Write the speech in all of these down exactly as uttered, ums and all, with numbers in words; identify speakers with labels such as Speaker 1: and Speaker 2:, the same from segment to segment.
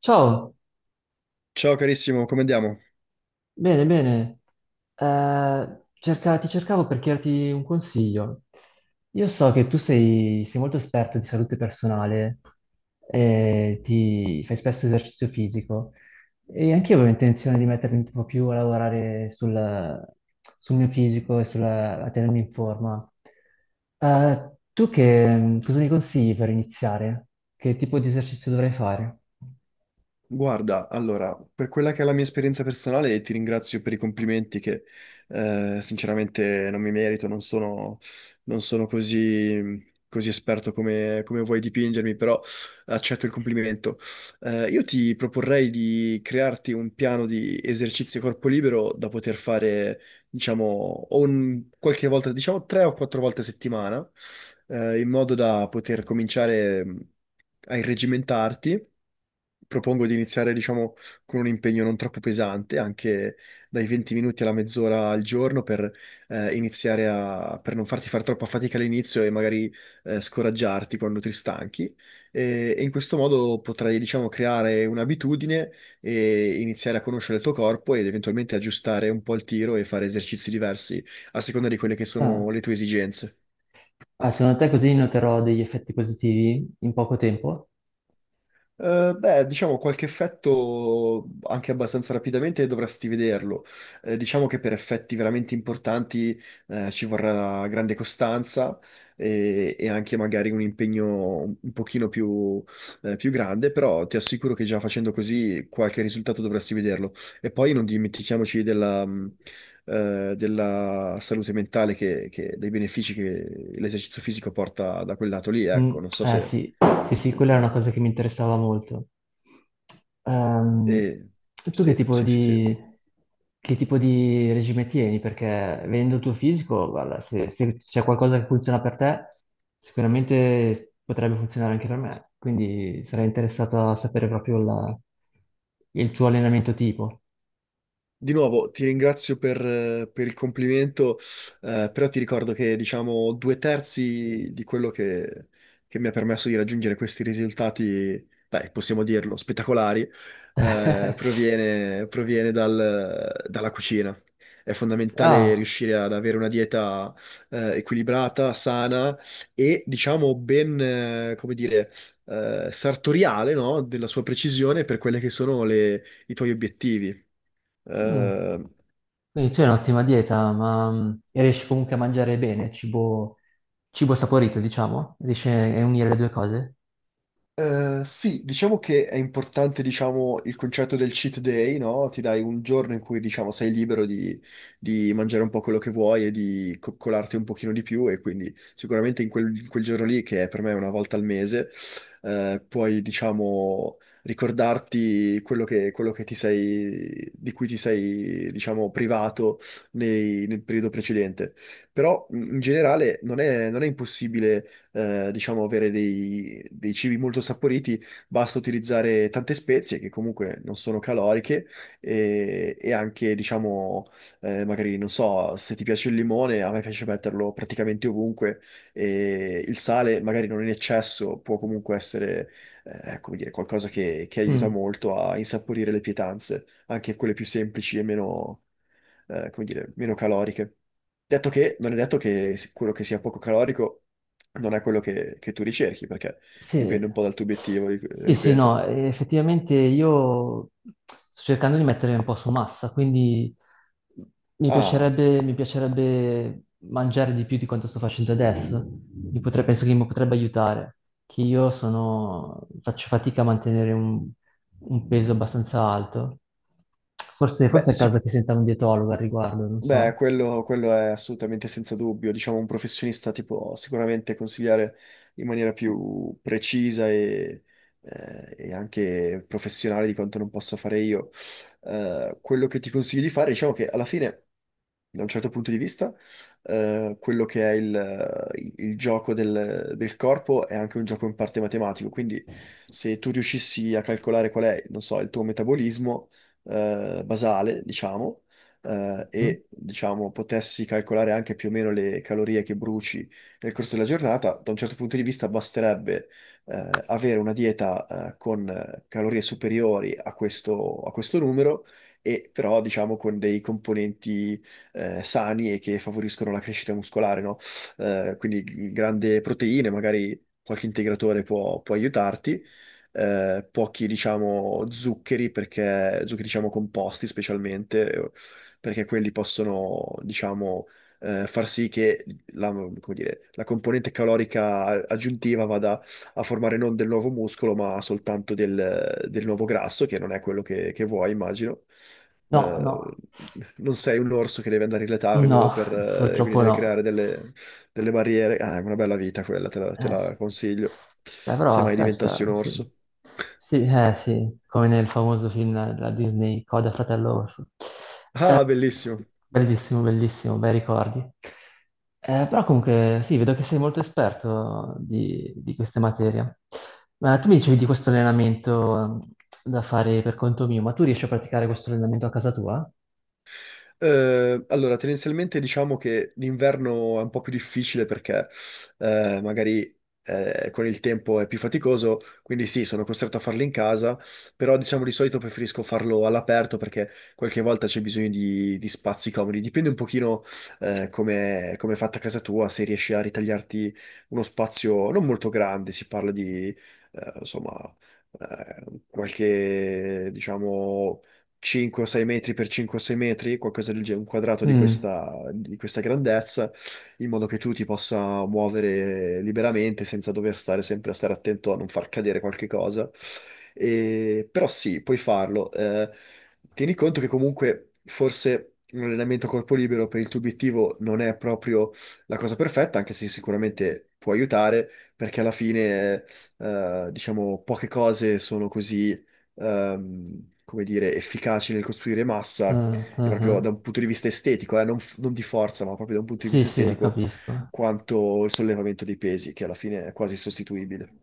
Speaker 1: Ciao,
Speaker 2: Ciao carissimo, come andiamo?
Speaker 1: bene, bene. Eh, cerca- ti cercavo per chiederti un consiglio. Io so che tu sei, sei molto esperto di salute personale, e ti fai spesso esercizio fisico e anch'io avevo intenzione di mettermi un po' più a lavorare sul, sul mio fisico e sulla- a tenermi in forma. Eh, tu che cosa mi consigli per iniziare? Che tipo di esercizio dovrei fare?
Speaker 2: Guarda, allora, per quella che è la mia esperienza personale, ti ringrazio per i complimenti che eh, sinceramente non mi merito, non sono, non sono così, così esperto come, come vuoi dipingermi, però accetto il complimento. Eh, io ti proporrei di crearti un piano di esercizio corpo libero da poter fare, diciamo, o un- qualche volta, diciamo tre o quattro volte a settimana eh, in modo da poter cominciare mh, a irregimentarti. Propongo di iniziare, diciamo, con un impegno non troppo pesante, anche dai venti minuti alla mezz'ora al giorno per eh, iniziare a, per non farti fare troppa fatica all'inizio e magari eh, scoraggiarti quando ti stanchi. E, e in questo modo potrai, diciamo, creare un'abitudine e iniziare a conoscere il tuo corpo ed eventualmente aggiustare un po' il tiro e fare esercizi diversi a seconda di quelle che
Speaker 1: Ah.
Speaker 2: sono le tue esigenze.
Speaker 1: Ah, secondo te così noterò degli effetti positivi in poco tempo?
Speaker 2: Eh, beh, diciamo qualche effetto anche abbastanza rapidamente dovresti vederlo. Eh, diciamo che per effetti veramente importanti eh, ci vorrà grande costanza e, e anche magari un impegno un pochino più, eh, più grande, però ti assicuro che già facendo così qualche risultato dovresti vederlo. E poi non dimentichiamoci della, mh, eh, della salute mentale, che, che- dei benefici che l'esercizio fisico porta da quel lato lì,
Speaker 1: Mm,
Speaker 2: ecco, non so
Speaker 1: eh
Speaker 2: se...
Speaker 1: sì, sì, sì, quella è una cosa che mi interessava molto. Ehm,
Speaker 2: eh,
Speaker 1: Tu che
Speaker 2: sì,
Speaker 1: tipo
Speaker 2: sì, sì, sì.
Speaker 1: di, che tipo di regime tieni? Perché vedendo il tuo fisico, guarda, se, se c'è qualcosa che funziona per te, sicuramente potrebbe funzionare anche per me. Quindi sarei interessato a sapere proprio la- il tuo allenamento tipo.
Speaker 2: Di nuovo ti ringrazio per, eh, per il complimento, eh, però ti ricordo che diciamo due terzi di quello che, che mi ha permesso di raggiungere questi risultati, beh, possiamo dirlo, spettacolari, eh, proviene, proviene dal- dalla cucina. È fondamentale
Speaker 1: Ah.
Speaker 2: riuscire ad avere una dieta, eh, equilibrata, sana e diciamo ben, eh, come dire, eh, sartoriale, no? Della sua precisione per quelle che sono le- i tuoi obiettivi.
Speaker 1: Mm.
Speaker 2: Eh,
Speaker 1: Quindi tu hai un'ottima dieta, ma mm, e riesci comunque a mangiare bene, cibo, cibo saporito, diciamo? Riesci a unire le due cose?
Speaker 2: eh, sì, diciamo che è importante, diciamo, il concetto del cheat day, no? Ti dai un giorno in cui, diciamo, sei libero di, di mangiare un po' quello che vuoi e di coccolarti un pochino di più e quindi sicuramente in quel, in quel giorno lì, che è per me una volta al mese, eh, puoi, diciamo, ricordarti quello che, quello che ti sei, di cui ti sei, diciamo, privato nei- nel periodo precedente. Però, in in generale, non è non è impossibile eh, diciamo, avere dei, dei cibi molto saporiti, basta utilizzare tante spezie che comunque non sono caloriche e, e anche, diciamo, eh, magari, non so, se ti piace il limone, a me piace metterlo praticamente ovunque e il sale, magari non in eccesso, può comunque essere, eh, come dire, qualcosa che, che aiuta
Speaker 1: Mm.
Speaker 2: molto a insaporire le pietanze, anche quelle più semplici e meno eh, come dire, meno caloriche. Detto che, non è detto che quello che sia poco calorico non è quello che, che tu ricerchi, perché
Speaker 1: Sì,
Speaker 2: dipende un po' dal tuo obiettivo, ri-
Speaker 1: sì, sì,
Speaker 2: ripeto.
Speaker 1: no, eh, effettivamente io sto cercando di mettere un po' su massa, quindi mi
Speaker 2: Ah,
Speaker 1: piacerebbe, mi piacerebbe mangiare di più di quanto sto facendo adesso. Mi potre- penso che mi potrebbe aiutare, che io sono- faccio fatica a mantenere un, un peso abbastanza alto. Forse,
Speaker 2: beh,
Speaker 1: forse è il caso che
Speaker 2: sicuramente.
Speaker 1: senta un dietologo al riguardo, non
Speaker 2: Beh,
Speaker 1: so.
Speaker 2: quello, quello è assolutamente senza dubbio. Diciamo, un professionista ti può sicuramente consigliare in maniera più precisa e, eh, e anche professionale di quanto non possa fare io. Eh, quello che ti consiglio di fare, diciamo che alla fine, da un certo punto di vista, eh, quello che è il, il gioco del, del corpo è anche un gioco in parte matematico. Quindi, se tu riuscissi a calcolare qual è, non so, il tuo metabolismo, eh, basale, diciamo eh,
Speaker 1: Mhm.
Speaker 2: e diciamo potessi calcolare anche più o meno le calorie che bruci nel corso della giornata, da un certo punto di vista basterebbe eh, avere una dieta eh, con eh, calorie superiori a questo, a questo numero e però diciamo con dei componenti eh, sani e che favoriscono la crescita muscolare, no? Eh, quindi g- grande proteine, magari qualche integratore può, può aiutarti. Eh, pochi, diciamo, zuccheri, perché zuccheri, diciamo, composti specialmente, perché quelli possono, diciamo, eh, far sì che la, come dire, la componente calorica aggiuntiva vada a formare non del nuovo muscolo, ma soltanto del, del nuovo grasso, che non è quello che, che vuoi, immagino.
Speaker 1: No,
Speaker 2: Eh,
Speaker 1: no,
Speaker 2: non sei un orso che deve andare in letargo
Speaker 1: no,
Speaker 2: per, eh, quindi
Speaker 1: purtroppo
Speaker 2: deve
Speaker 1: no.
Speaker 2: creare delle, delle barriere. Ah, è una bella vita quella, te la, te
Speaker 1: Eh
Speaker 2: la
Speaker 1: sì.
Speaker 2: consiglio.
Speaker 1: Beh,
Speaker 2: Se
Speaker 1: però,
Speaker 2: mai diventassi un
Speaker 1: cazzo, sì.
Speaker 2: orso.
Speaker 1: Sì, eh sì, come nel famoso film della Disney, Coda Fratello Orso. Eh,
Speaker 2: Ah, bellissimo.
Speaker 1: bellissimo, bellissimo, bei ricordi. Eh, però comunque, sì, vedo che sei molto esperto di, di queste materie. Ma tu mi dicevi di questo allenamento eh, da fare per conto mio, ma tu riesci a praticare questo allenamento a casa tua?
Speaker 2: Eh, allora, tendenzialmente diciamo che l'inverno è un po' più difficile perché eh, magari eh, con il tempo è più faticoso, quindi sì, sono costretto a farlo in casa, però diciamo di solito preferisco farlo all'aperto perché qualche volta c'è bisogno di, di spazi comodi. Dipende un pochino eh, come come è fatta casa tua, se riesci a ritagliarti uno spazio non molto grande, si parla di eh, insomma eh, qualche diciamo cinque o sei metri per cinque o sei metri, qualcosa del genere, un quadrato di
Speaker 1: Mm.
Speaker 2: questa, di questa grandezza, in modo che tu ti possa muovere liberamente senza dover stare sempre a stare attento a non far cadere qualche cosa. E- però sì, puoi farlo. Eh, tieni conto che comunque forse un allenamento a corpo libero per il tuo obiettivo non è proprio la cosa perfetta, anche se sicuramente può aiutare, perché alla fine, eh, diciamo, poche cose sono così ehm, come dire, efficaci nel costruire massa,
Speaker 1: Ah,
Speaker 2: e
Speaker 1: ah,
Speaker 2: proprio da
Speaker 1: ah.
Speaker 2: un punto di vista estetico, eh, non, f- non di forza, ma proprio da un punto di
Speaker 1: Sì,
Speaker 2: vista
Speaker 1: sì,
Speaker 2: estetico,
Speaker 1: capisco.
Speaker 2: quanto il sollevamento dei pesi, che alla fine è quasi sostituibile.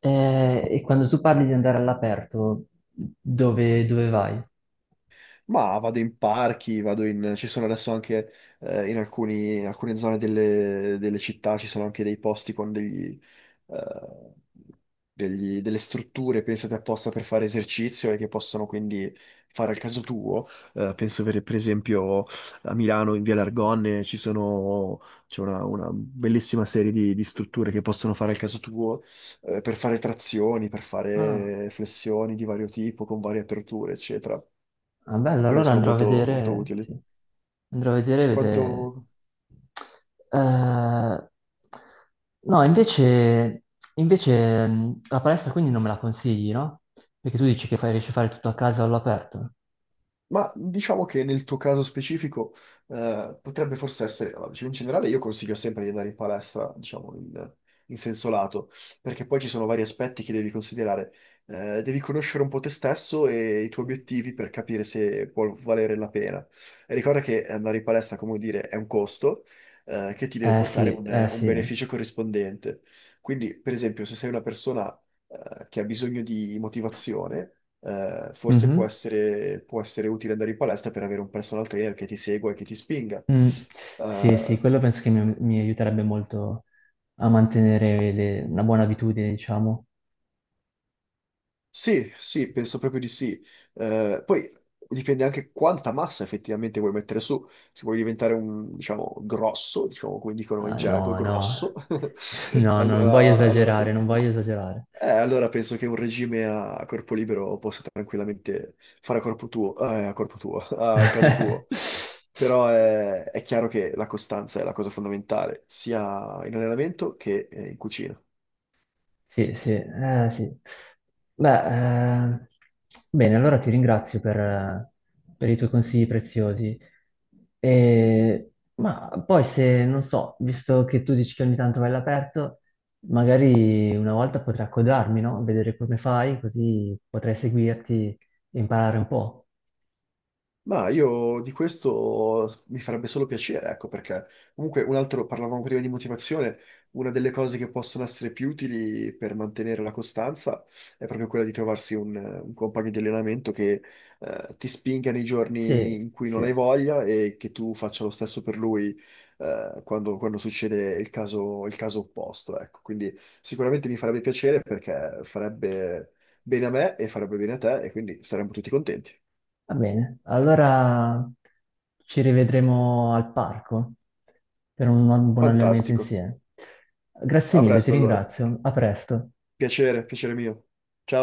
Speaker 1: Eh, e quando tu parli di andare all'aperto, dove, dove vai?
Speaker 2: Ma vado in parchi, vado in... ci sono adesso anche eh, in alcuni- in alcune zone delle, delle città, ci sono anche dei posti con degli, eh, degli- delle strutture pensate apposta per fare esercizio e che possono quindi fare al caso tuo. Eh, penso per, per esempio a Milano in Via L'Argonne ci sono, c'è una, una bellissima serie di, di strutture che possono fare al caso tuo eh, per fare trazioni, per
Speaker 1: Ah,
Speaker 2: fare flessioni di vario tipo, con varie aperture, eccetera.
Speaker 1: ah, bello,
Speaker 2: Quelle
Speaker 1: allora
Speaker 2: sono
Speaker 1: andrò a
Speaker 2: molto, molto
Speaker 1: vedere,
Speaker 2: utili.
Speaker 1: sì. Andrò a vedere, vedere.
Speaker 2: Quanto...
Speaker 1: Eh, no, invece, invece mh, la palestra quindi non me la consigli, no? Perché tu dici che fai, riesci a fare tutto a casa all'aperto.
Speaker 2: Ma diciamo che nel tuo caso specifico eh, potrebbe forse essere, allora, diciamo, in generale io consiglio sempre di andare in palestra, diciamo, in, in senso lato, perché poi ci sono vari aspetti che devi considerare. Eh, devi conoscere un po' te stesso e i tuoi obiettivi per capire se può valere la pena. E ricorda che andare in palestra, come dire, è un costo eh, che ti deve
Speaker 1: Eh
Speaker 2: portare
Speaker 1: sì, eh
Speaker 2: un un
Speaker 1: sì.
Speaker 2: beneficio corrispondente. Quindi, per esempio, se sei una persona eh, che ha bisogno di motivazione, eh, forse può
Speaker 1: Mhm.
Speaker 2: essere, può essere utile andare in palestra per avere un personal trainer che ti segua e che ti spinga.
Speaker 1: Mm. Sì, sì,
Speaker 2: Eh,
Speaker 1: quello penso che mi, mi aiuterebbe molto a mantenere le- una buona abitudine, diciamo.
Speaker 2: sì, sì, penso proprio di sì. Eh, poi dipende anche quanta massa effettivamente vuoi mettere su. Se vuoi diventare un, diciamo, grosso, diciamo come dicono in
Speaker 1: Ah,
Speaker 2: gergo,
Speaker 1: no,
Speaker 2: grosso,
Speaker 1: no, no, no, non voglio
Speaker 2: allora, allora
Speaker 1: esagerare,
Speaker 2: forse.
Speaker 1: non voglio esagerare.
Speaker 2: Eh, allora penso che un regime a a corpo libero possa tranquillamente fare a corpo tuo, eh, a corpo tuo, al caso tuo. Però è, è chiaro che la costanza è la cosa fondamentale, sia in allenamento che eh, in cucina.
Speaker 1: Sì, sì, eh, sì. Beh, eh, bene, allora ti ringrazio per, per i tuoi consigli preziosi. E- ma poi se, non so, visto che tu dici che ogni tanto vai all'aperto, magari una volta potrei accodarmi, no? Vedere come fai, così potrei seguirti e imparare un po'.
Speaker 2: Ma io di questo mi farebbe solo piacere, ecco, perché comunque un altro, parlavamo prima di motivazione, una delle cose che possono essere più utili per mantenere la costanza è proprio quella di trovarsi un, un compagno di allenamento che eh, ti spinga nei
Speaker 1: Sì,
Speaker 2: giorni in cui
Speaker 1: sì.
Speaker 2: non hai voglia e che tu faccia lo stesso per lui eh, quando, quando succede il caso, il caso opposto, ecco. Quindi sicuramente mi farebbe piacere perché farebbe bene a me e farebbe bene a te e quindi saremmo tutti contenti.
Speaker 1: Va bene, allora ci rivedremo al parco per un buon allenamento
Speaker 2: Fantastico.
Speaker 1: insieme. Grazie
Speaker 2: A
Speaker 1: mille, ti
Speaker 2: presto allora.
Speaker 1: ringrazio. A presto.
Speaker 2: Piacere, piacere mio. Ciao.